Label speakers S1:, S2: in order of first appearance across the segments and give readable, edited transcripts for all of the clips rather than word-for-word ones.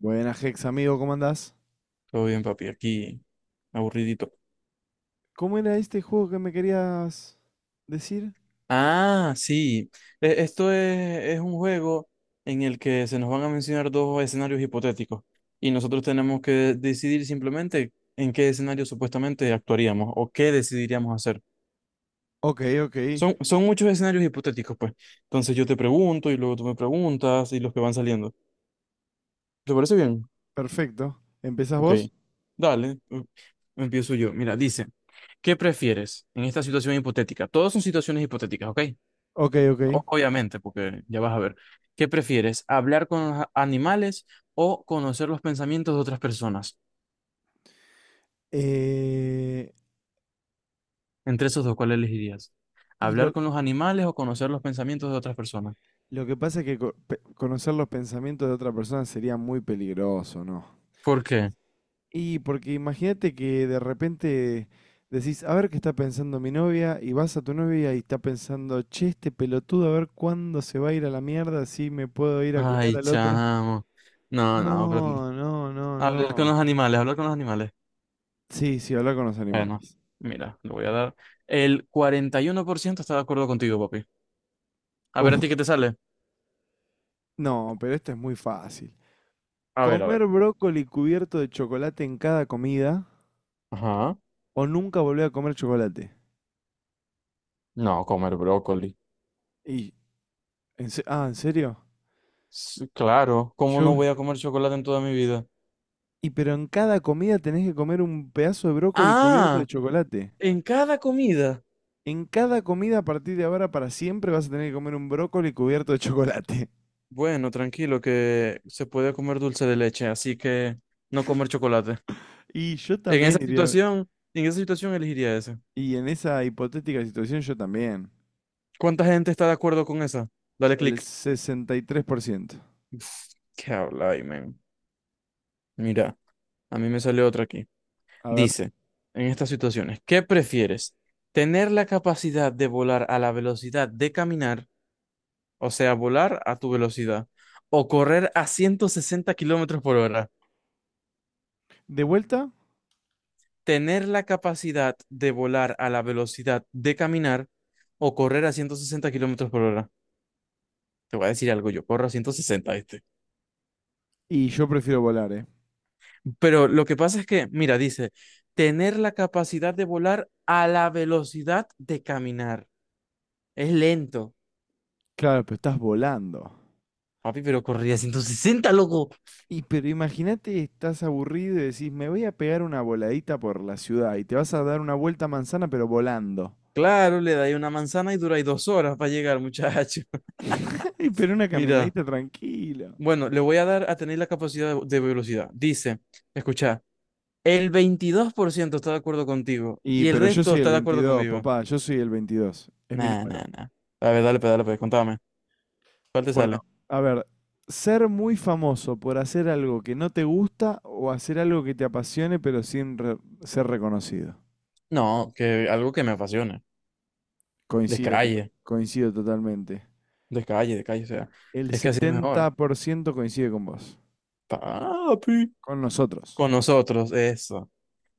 S1: Buenas, Hex, amigo, ¿cómo andás?
S2: Todo bien, papi, aquí aburridito.
S1: ¿Cómo era este juego que me querías decir?
S2: Ah, sí. Esto es un juego en el que se nos van a mencionar dos escenarios hipotéticos y nosotros tenemos que decidir simplemente en qué escenario supuestamente actuaríamos o qué decidiríamos hacer.
S1: Ok, ok,
S2: Son muchos escenarios hipotéticos, pues. Entonces yo te pregunto y luego tú me preguntas y los que van saliendo. ¿Te parece bien?
S1: perfecto. ¿Empezás
S2: Ok.
S1: vos?
S2: Dale. Empiezo yo. Mira, dice, ¿qué prefieres en esta situación hipotética? Todas son situaciones hipotéticas, ¿ok?
S1: Ok, ok.
S2: Obviamente, porque ya vas a ver. ¿Qué prefieres? ¿Hablar con los animales o conocer los pensamientos de otras personas?
S1: Eh,
S2: Entre esos dos, ¿cuál elegirías?
S1: y
S2: ¿Hablar
S1: lo,
S2: con los animales o conocer los pensamientos de otras personas?
S1: lo que pasa es que conocer los pensamientos de otra persona sería muy peligroso, ¿no?
S2: ¿Por qué?
S1: Y porque imagínate que de repente decís, a ver qué está pensando mi novia, y vas a tu novia y está pensando, che, este pelotudo, a ver cuándo se va a ir a la mierda, si me puedo ir a culiar
S2: Ay,
S1: al otro.
S2: chamo. No, no, pero
S1: No, no, no,
S2: hablar con
S1: no.
S2: los animales, hablar con los animales.
S1: Sí, sí, habla con los
S2: Bueno,
S1: animales.
S2: mira, le voy a dar. El 41% está de acuerdo contigo, papi. A ver, ¿a
S1: Uf,
S2: ti qué te sale?
S1: no, pero esto es muy fácil.
S2: A ver, a
S1: Comer
S2: ver.
S1: brócoli cubierto de chocolate en cada comida
S2: Ajá.
S1: o nunca volver a comer chocolate.
S2: No, comer brócoli.
S1: Y, ah, ¿en serio?
S2: Claro, ¿cómo no
S1: Yo,
S2: voy a comer chocolate en toda mi vida?
S1: y pero en cada comida tenés que comer un pedazo de brócoli cubierto
S2: Ah,
S1: de chocolate.
S2: en cada comida.
S1: En cada comida a partir de ahora para siempre vas a tener que comer un brócoli cubierto de chocolate.
S2: Bueno, tranquilo, que se puede comer dulce de leche, así que no comer chocolate.
S1: Y yo también iría,
S2: En esa situación elegiría ese.
S1: y en esa hipotética situación yo también.
S2: ¿Cuánta gente está de acuerdo con esa? Dale
S1: El
S2: clic.
S1: 63%.
S2: Uf, ¿qué habláis, men? Mira, a mí me sale otra aquí.
S1: A ver,
S2: Dice, en estas situaciones, ¿qué prefieres? ¿Tener la capacidad de volar a la velocidad de caminar, o sea, volar a tu velocidad, o correr a 160 kilómetros por hora?
S1: de vuelta.
S2: Tener la capacidad de volar a la velocidad de caminar o correr a 160 kilómetros por hora. Te voy a decir algo, yo corro a 160.
S1: Y yo prefiero volar, ¿eh?
S2: Pero lo que pasa es que, mira, dice, tener la capacidad de volar a la velocidad de caminar. Es lento.
S1: Claro, pero estás volando.
S2: Papi, pero corría a 160 loco.
S1: Y pero imagínate, estás aburrido y decís, me voy a pegar una voladita por la ciudad y te vas a dar una vuelta a manzana, pero volando.
S2: Claro, le da ahí una manzana y dura ahí 2 horas para llegar, muchacho.
S1: Y pero una
S2: Mira,
S1: caminadita tranquilo.
S2: bueno, le voy a dar a tener la capacidad de velocidad. Dice, escucha, el 22% está de acuerdo contigo
S1: Y
S2: y el
S1: pero yo
S2: resto
S1: soy el
S2: está de acuerdo
S1: 22,
S2: conmigo.
S1: papá, yo soy el 22. Es mi
S2: Nah,
S1: número.
S2: nah, nah. A ver, dale, pues, contame. ¿Cuál te sale?
S1: Bueno, a ver, ser muy famoso por hacer algo que no te gusta o hacer algo que te apasione, pero sin ser reconocido.
S2: No, que algo que me apasione.
S1: Coincido,
S2: Descalle,
S1: coincido totalmente.
S2: descalle, descalle, o sea,
S1: El
S2: es que así es
S1: setenta
S2: mejor.
S1: por ciento coincide con vos.
S2: Papi.
S1: Con nosotros.
S2: Con nosotros, eso.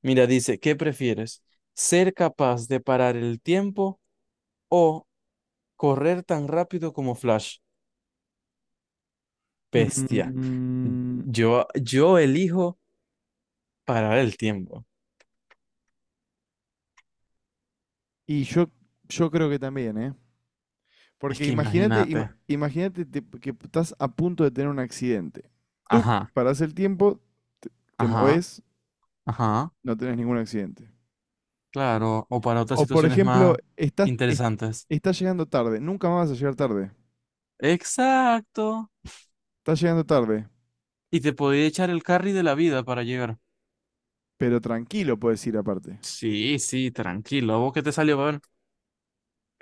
S2: Mira, dice, ¿qué prefieres? ¿Ser capaz de parar el tiempo o correr tan rápido como Flash? Bestia.
S1: Mm,
S2: Yo elijo parar el tiempo.
S1: y yo creo que también, ¿eh?
S2: Es
S1: Porque
S2: que
S1: imagínate, ima-
S2: imagínate.
S1: imagínate te- que estás a punto de tener un accidente. Tú
S2: Ajá,
S1: parás el tiempo, te, te
S2: ajá.
S1: movés,
S2: Ajá,
S1: no tenés ningún accidente.
S2: claro, o para otras
S1: O por
S2: situaciones
S1: ejemplo,
S2: más interesantes.
S1: estás llegando tarde, nunca más vas a llegar tarde.
S2: Exacto.
S1: Estás llegando tarde,
S2: Y te podía echar el carry de la vida para llegar.
S1: pero tranquilo puedes ir aparte.
S2: Sí, sí, tranquilo. ¿A vos qué te salió? A ver,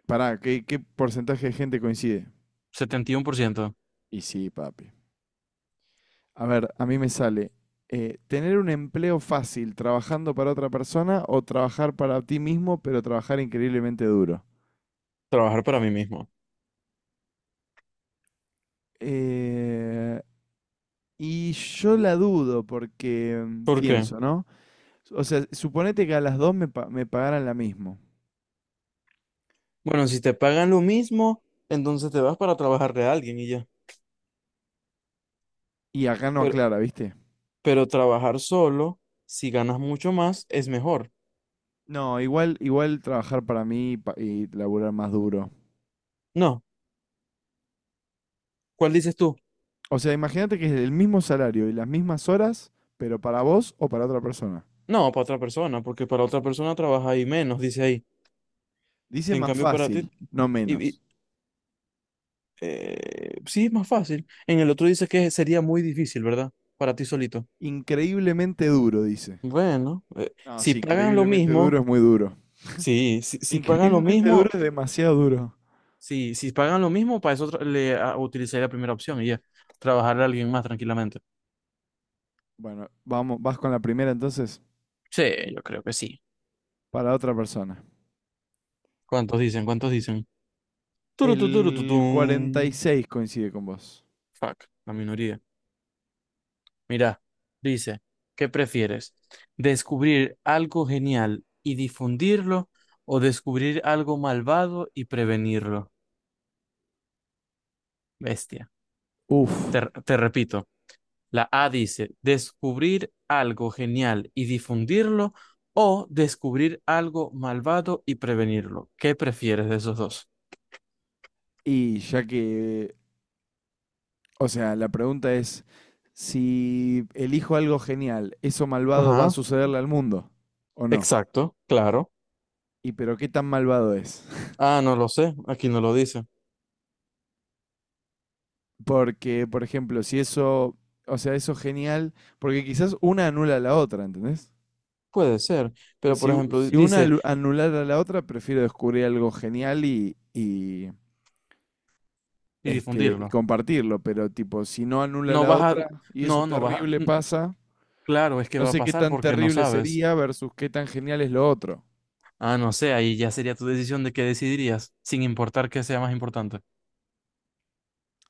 S1: Pará, ¿qué porcentaje de gente coincide?
S2: 71%.
S1: Y sí, papi. A ver, a mí me sale tener un empleo fácil trabajando para otra persona o trabajar para ti mismo, pero trabajar increíblemente duro.
S2: Trabajar para mí mismo.
S1: Eh, y yo la dudo porque
S2: ¿Por qué?
S1: pienso, ¿no? O sea, suponete que a las dos me pagaran la mismo.
S2: Bueno, si te pagan lo mismo, entonces te vas para trabajar de alguien y ya.
S1: Y acá no
S2: Pero,
S1: aclara, ¿viste?
S2: pero trabajar solo, si ganas mucho más, es mejor.
S1: No, igual trabajar para mí y laburar más duro.
S2: No, ¿cuál dices tú?
S1: O sea, imagínate que es el mismo salario y las mismas horas, pero para vos o para otra persona.
S2: No, para otra persona, porque para otra persona trabaja ahí menos, dice ahí.
S1: Dice
S2: En
S1: más
S2: cambio, para ti,
S1: fácil, no
S2: y
S1: menos.
S2: Sí, es más fácil. En el otro dice que sería muy difícil, ¿verdad? Para ti solito.
S1: Increíblemente duro, dice.
S2: Bueno,
S1: No,
S2: si
S1: sí,
S2: pagan lo
S1: increíblemente duro
S2: mismo,
S1: es muy duro.
S2: sí, si pagan lo
S1: Increíblemente
S2: mismo,
S1: duro es demasiado duro.
S2: sí, si pagan lo mismo, para eso utilizaría la primera opción y ya, trabajar a alguien más tranquilamente.
S1: Bueno, vamos, vas con la primera entonces
S2: Sí, yo creo que sí.
S1: para otra persona.
S2: ¿Cuántos dicen? ¿Cuántos dicen? Turu, tu,
S1: El cuarenta y
S2: tum.
S1: seis coincide con vos.
S2: Fuck, la minoría. Mira, dice, ¿qué prefieres? ¿Descubrir algo genial y difundirlo o descubrir algo malvado y prevenirlo? Bestia.
S1: Uf.
S2: Te, te repito, la A dice, descubrir algo genial y difundirlo o descubrir algo malvado y prevenirlo. ¿Qué prefieres de esos dos?
S1: Y ya que, o sea, la pregunta es, si elijo algo genial, ¿eso malvado va a
S2: Ajá,
S1: sucederle al mundo o no?
S2: exacto, claro.
S1: ¿Y pero qué tan malvado es?
S2: Ah, no lo sé, aquí no lo dice.
S1: Porque, por ejemplo, si eso, o sea, eso genial, porque quizás una anula a la otra, ¿entendés?
S2: Puede ser,
S1: Pues
S2: pero por
S1: Si,
S2: ejemplo,
S1: si una
S2: dice,
S1: anulara a la otra, prefiero descubrir algo genial y, y,
S2: y
S1: este, y
S2: difundirlo.
S1: compartirlo, pero tipo, si no anula
S2: No
S1: la
S2: vas a,
S1: otra y eso
S2: no, no vas a.
S1: terrible pasa,
S2: Claro, es que
S1: no
S2: va a
S1: sé qué
S2: pasar
S1: tan
S2: porque no
S1: terrible
S2: sabes.
S1: sería versus qué tan genial es lo otro.
S2: Ah, no sé, ahí ya sería tu decisión de qué decidirías, sin importar qué sea más importante.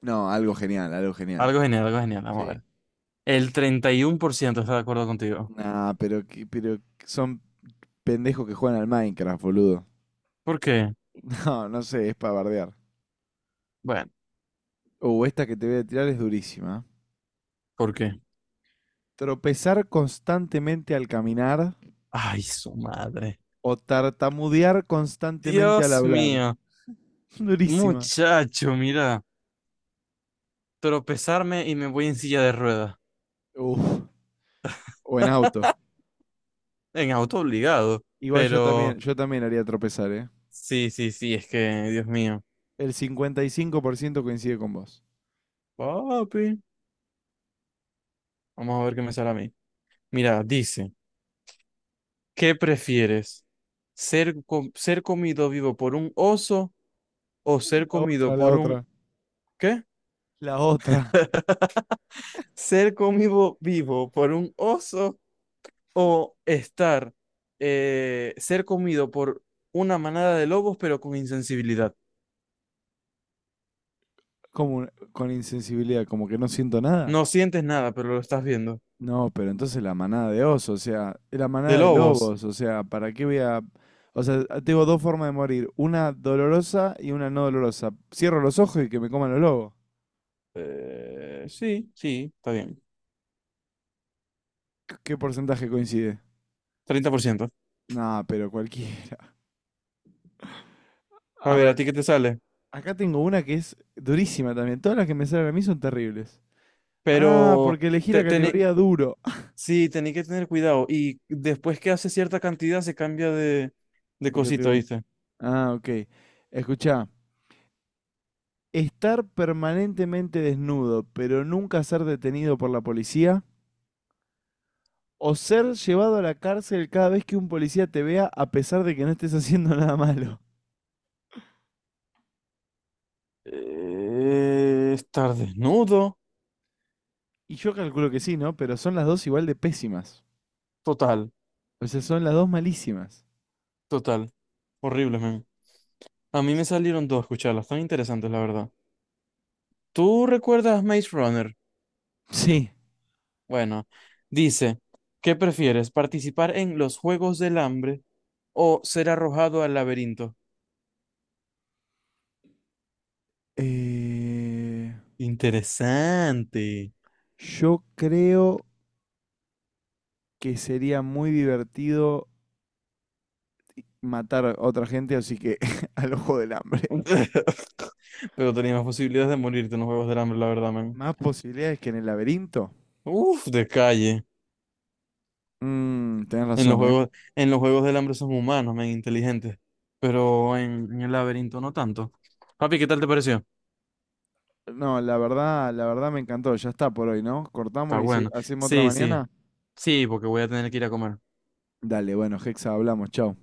S1: No, algo genial, algo genial.
S2: Algo genial, vamos a
S1: Sí.
S2: ver. El 31% está de acuerdo contigo.
S1: Nah, pero son pendejos que juegan al Minecraft, boludo.
S2: ¿Por qué?
S1: No, no sé, es para bardear.
S2: Bueno,
S1: Esta que te voy a tirar es durísima.
S2: ¿por qué?
S1: Tropezar constantemente al caminar
S2: Ay, su madre.
S1: o tartamudear constantemente al
S2: Dios
S1: hablar.
S2: mío,
S1: Durísima.
S2: muchacho, mira, tropezarme y me voy en silla de ruedas,
S1: Uf. O en auto.
S2: en auto obligado,
S1: Igual
S2: pero
S1: yo también haría tropezar, ¿eh?
S2: sí, sí, sí, es que, Dios mío.
S1: El 55% coincide con vos.
S2: Papi, vamos a ver qué me sale a mí. Mira, dice. ¿Qué prefieres? ¿Ser comido vivo por un oso o ser
S1: La
S2: comido
S1: otra, la
S2: por un...
S1: otra.
S2: ¿Qué?
S1: La otra.
S2: ¿Ser comido vivo por un oso o ser comido por una manada de lobos pero con insensibilidad?
S1: Como con insensibilidad, como que no siento nada.
S2: No sientes nada, pero lo estás viendo.
S1: No, pero entonces la manada de osos, o sea, la
S2: ¿De
S1: manada de
S2: lobos?
S1: lobos, o sea, ¿para qué voy a...? O sea, tengo dos formas de morir, una dolorosa y una no dolorosa. Cierro los ojos y que me coman los lobos.
S2: Sí, sí, está bien.
S1: ¿Qué porcentaje coincide?
S2: 30%.
S1: No, pero cualquiera.
S2: A
S1: A
S2: ver, ¿a
S1: ver,
S2: ti qué te sale?
S1: acá tengo una que es durísima también. Todas las que me salen a mí son terribles. Ah,
S2: Pero...
S1: porque elegí
S2: Te,
S1: la
S2: tené-
S1: categoría duro.
S2: Sí, tenés que tener cuidado. Y después que hace cierta cantidad se cambia de, de
S1: De
S2: cosita,
S1: categoría.
S2: ¿viste?
S1: Ah, ok. Escuchá. Estar permanentemente desnudo, pero nunca ser detenido por la policía. O ser llevado a la cárcel cada vez que un policía te vea a pesar de que no estés haciendo nada malo.
S2: Estar desnudo.
S1: Y yo calculo que sí, ¿no? Pero son las dos igual de pésimas.
S2: Total,
S1: O sea, son las dos malísimas.
S2: total. Horrible, man. A mí me salieron dos, escucharlas, tan interesantes, la verdad. ¿Tú recuerdas Maze Runner?
S1: Sí.
S2: Bueno, dice, ¿qué prefieres? ¿Participar en los Juegos del Hambre o ser arrojado al laberinto?
S1: Eh,
S2: Interesante.
S1: yo creo que sería muy divertido matar a otra gente, así que al ojo del hambre.
S2: Pero tenías más posibilidades de morirte en los Juegos del Hambre, la verdad, man.
S1: Más posibilidades que en el laberinto.
S2: Uf, de calle.
S1: Tenés
S2: En los
S1: razón, ¿eh?
S2: juegos, en los Juegos del Hambre son humanos, men, inteligentes. Pero en el laberinto no tanto. Papi, ¿qué tal te pareció?
S1: No, la verdad me encantó. Ya está por hoy, ¿no?
S2: Está
S1: Cortamos y
S2: bueno.
S1: hacemos otra
S2: Sí, sí.
S1: mañana.
S2: Sí, porque voy a tener que ir a comer.
S1: Dale, bueno, Hexa, hablamos, chao.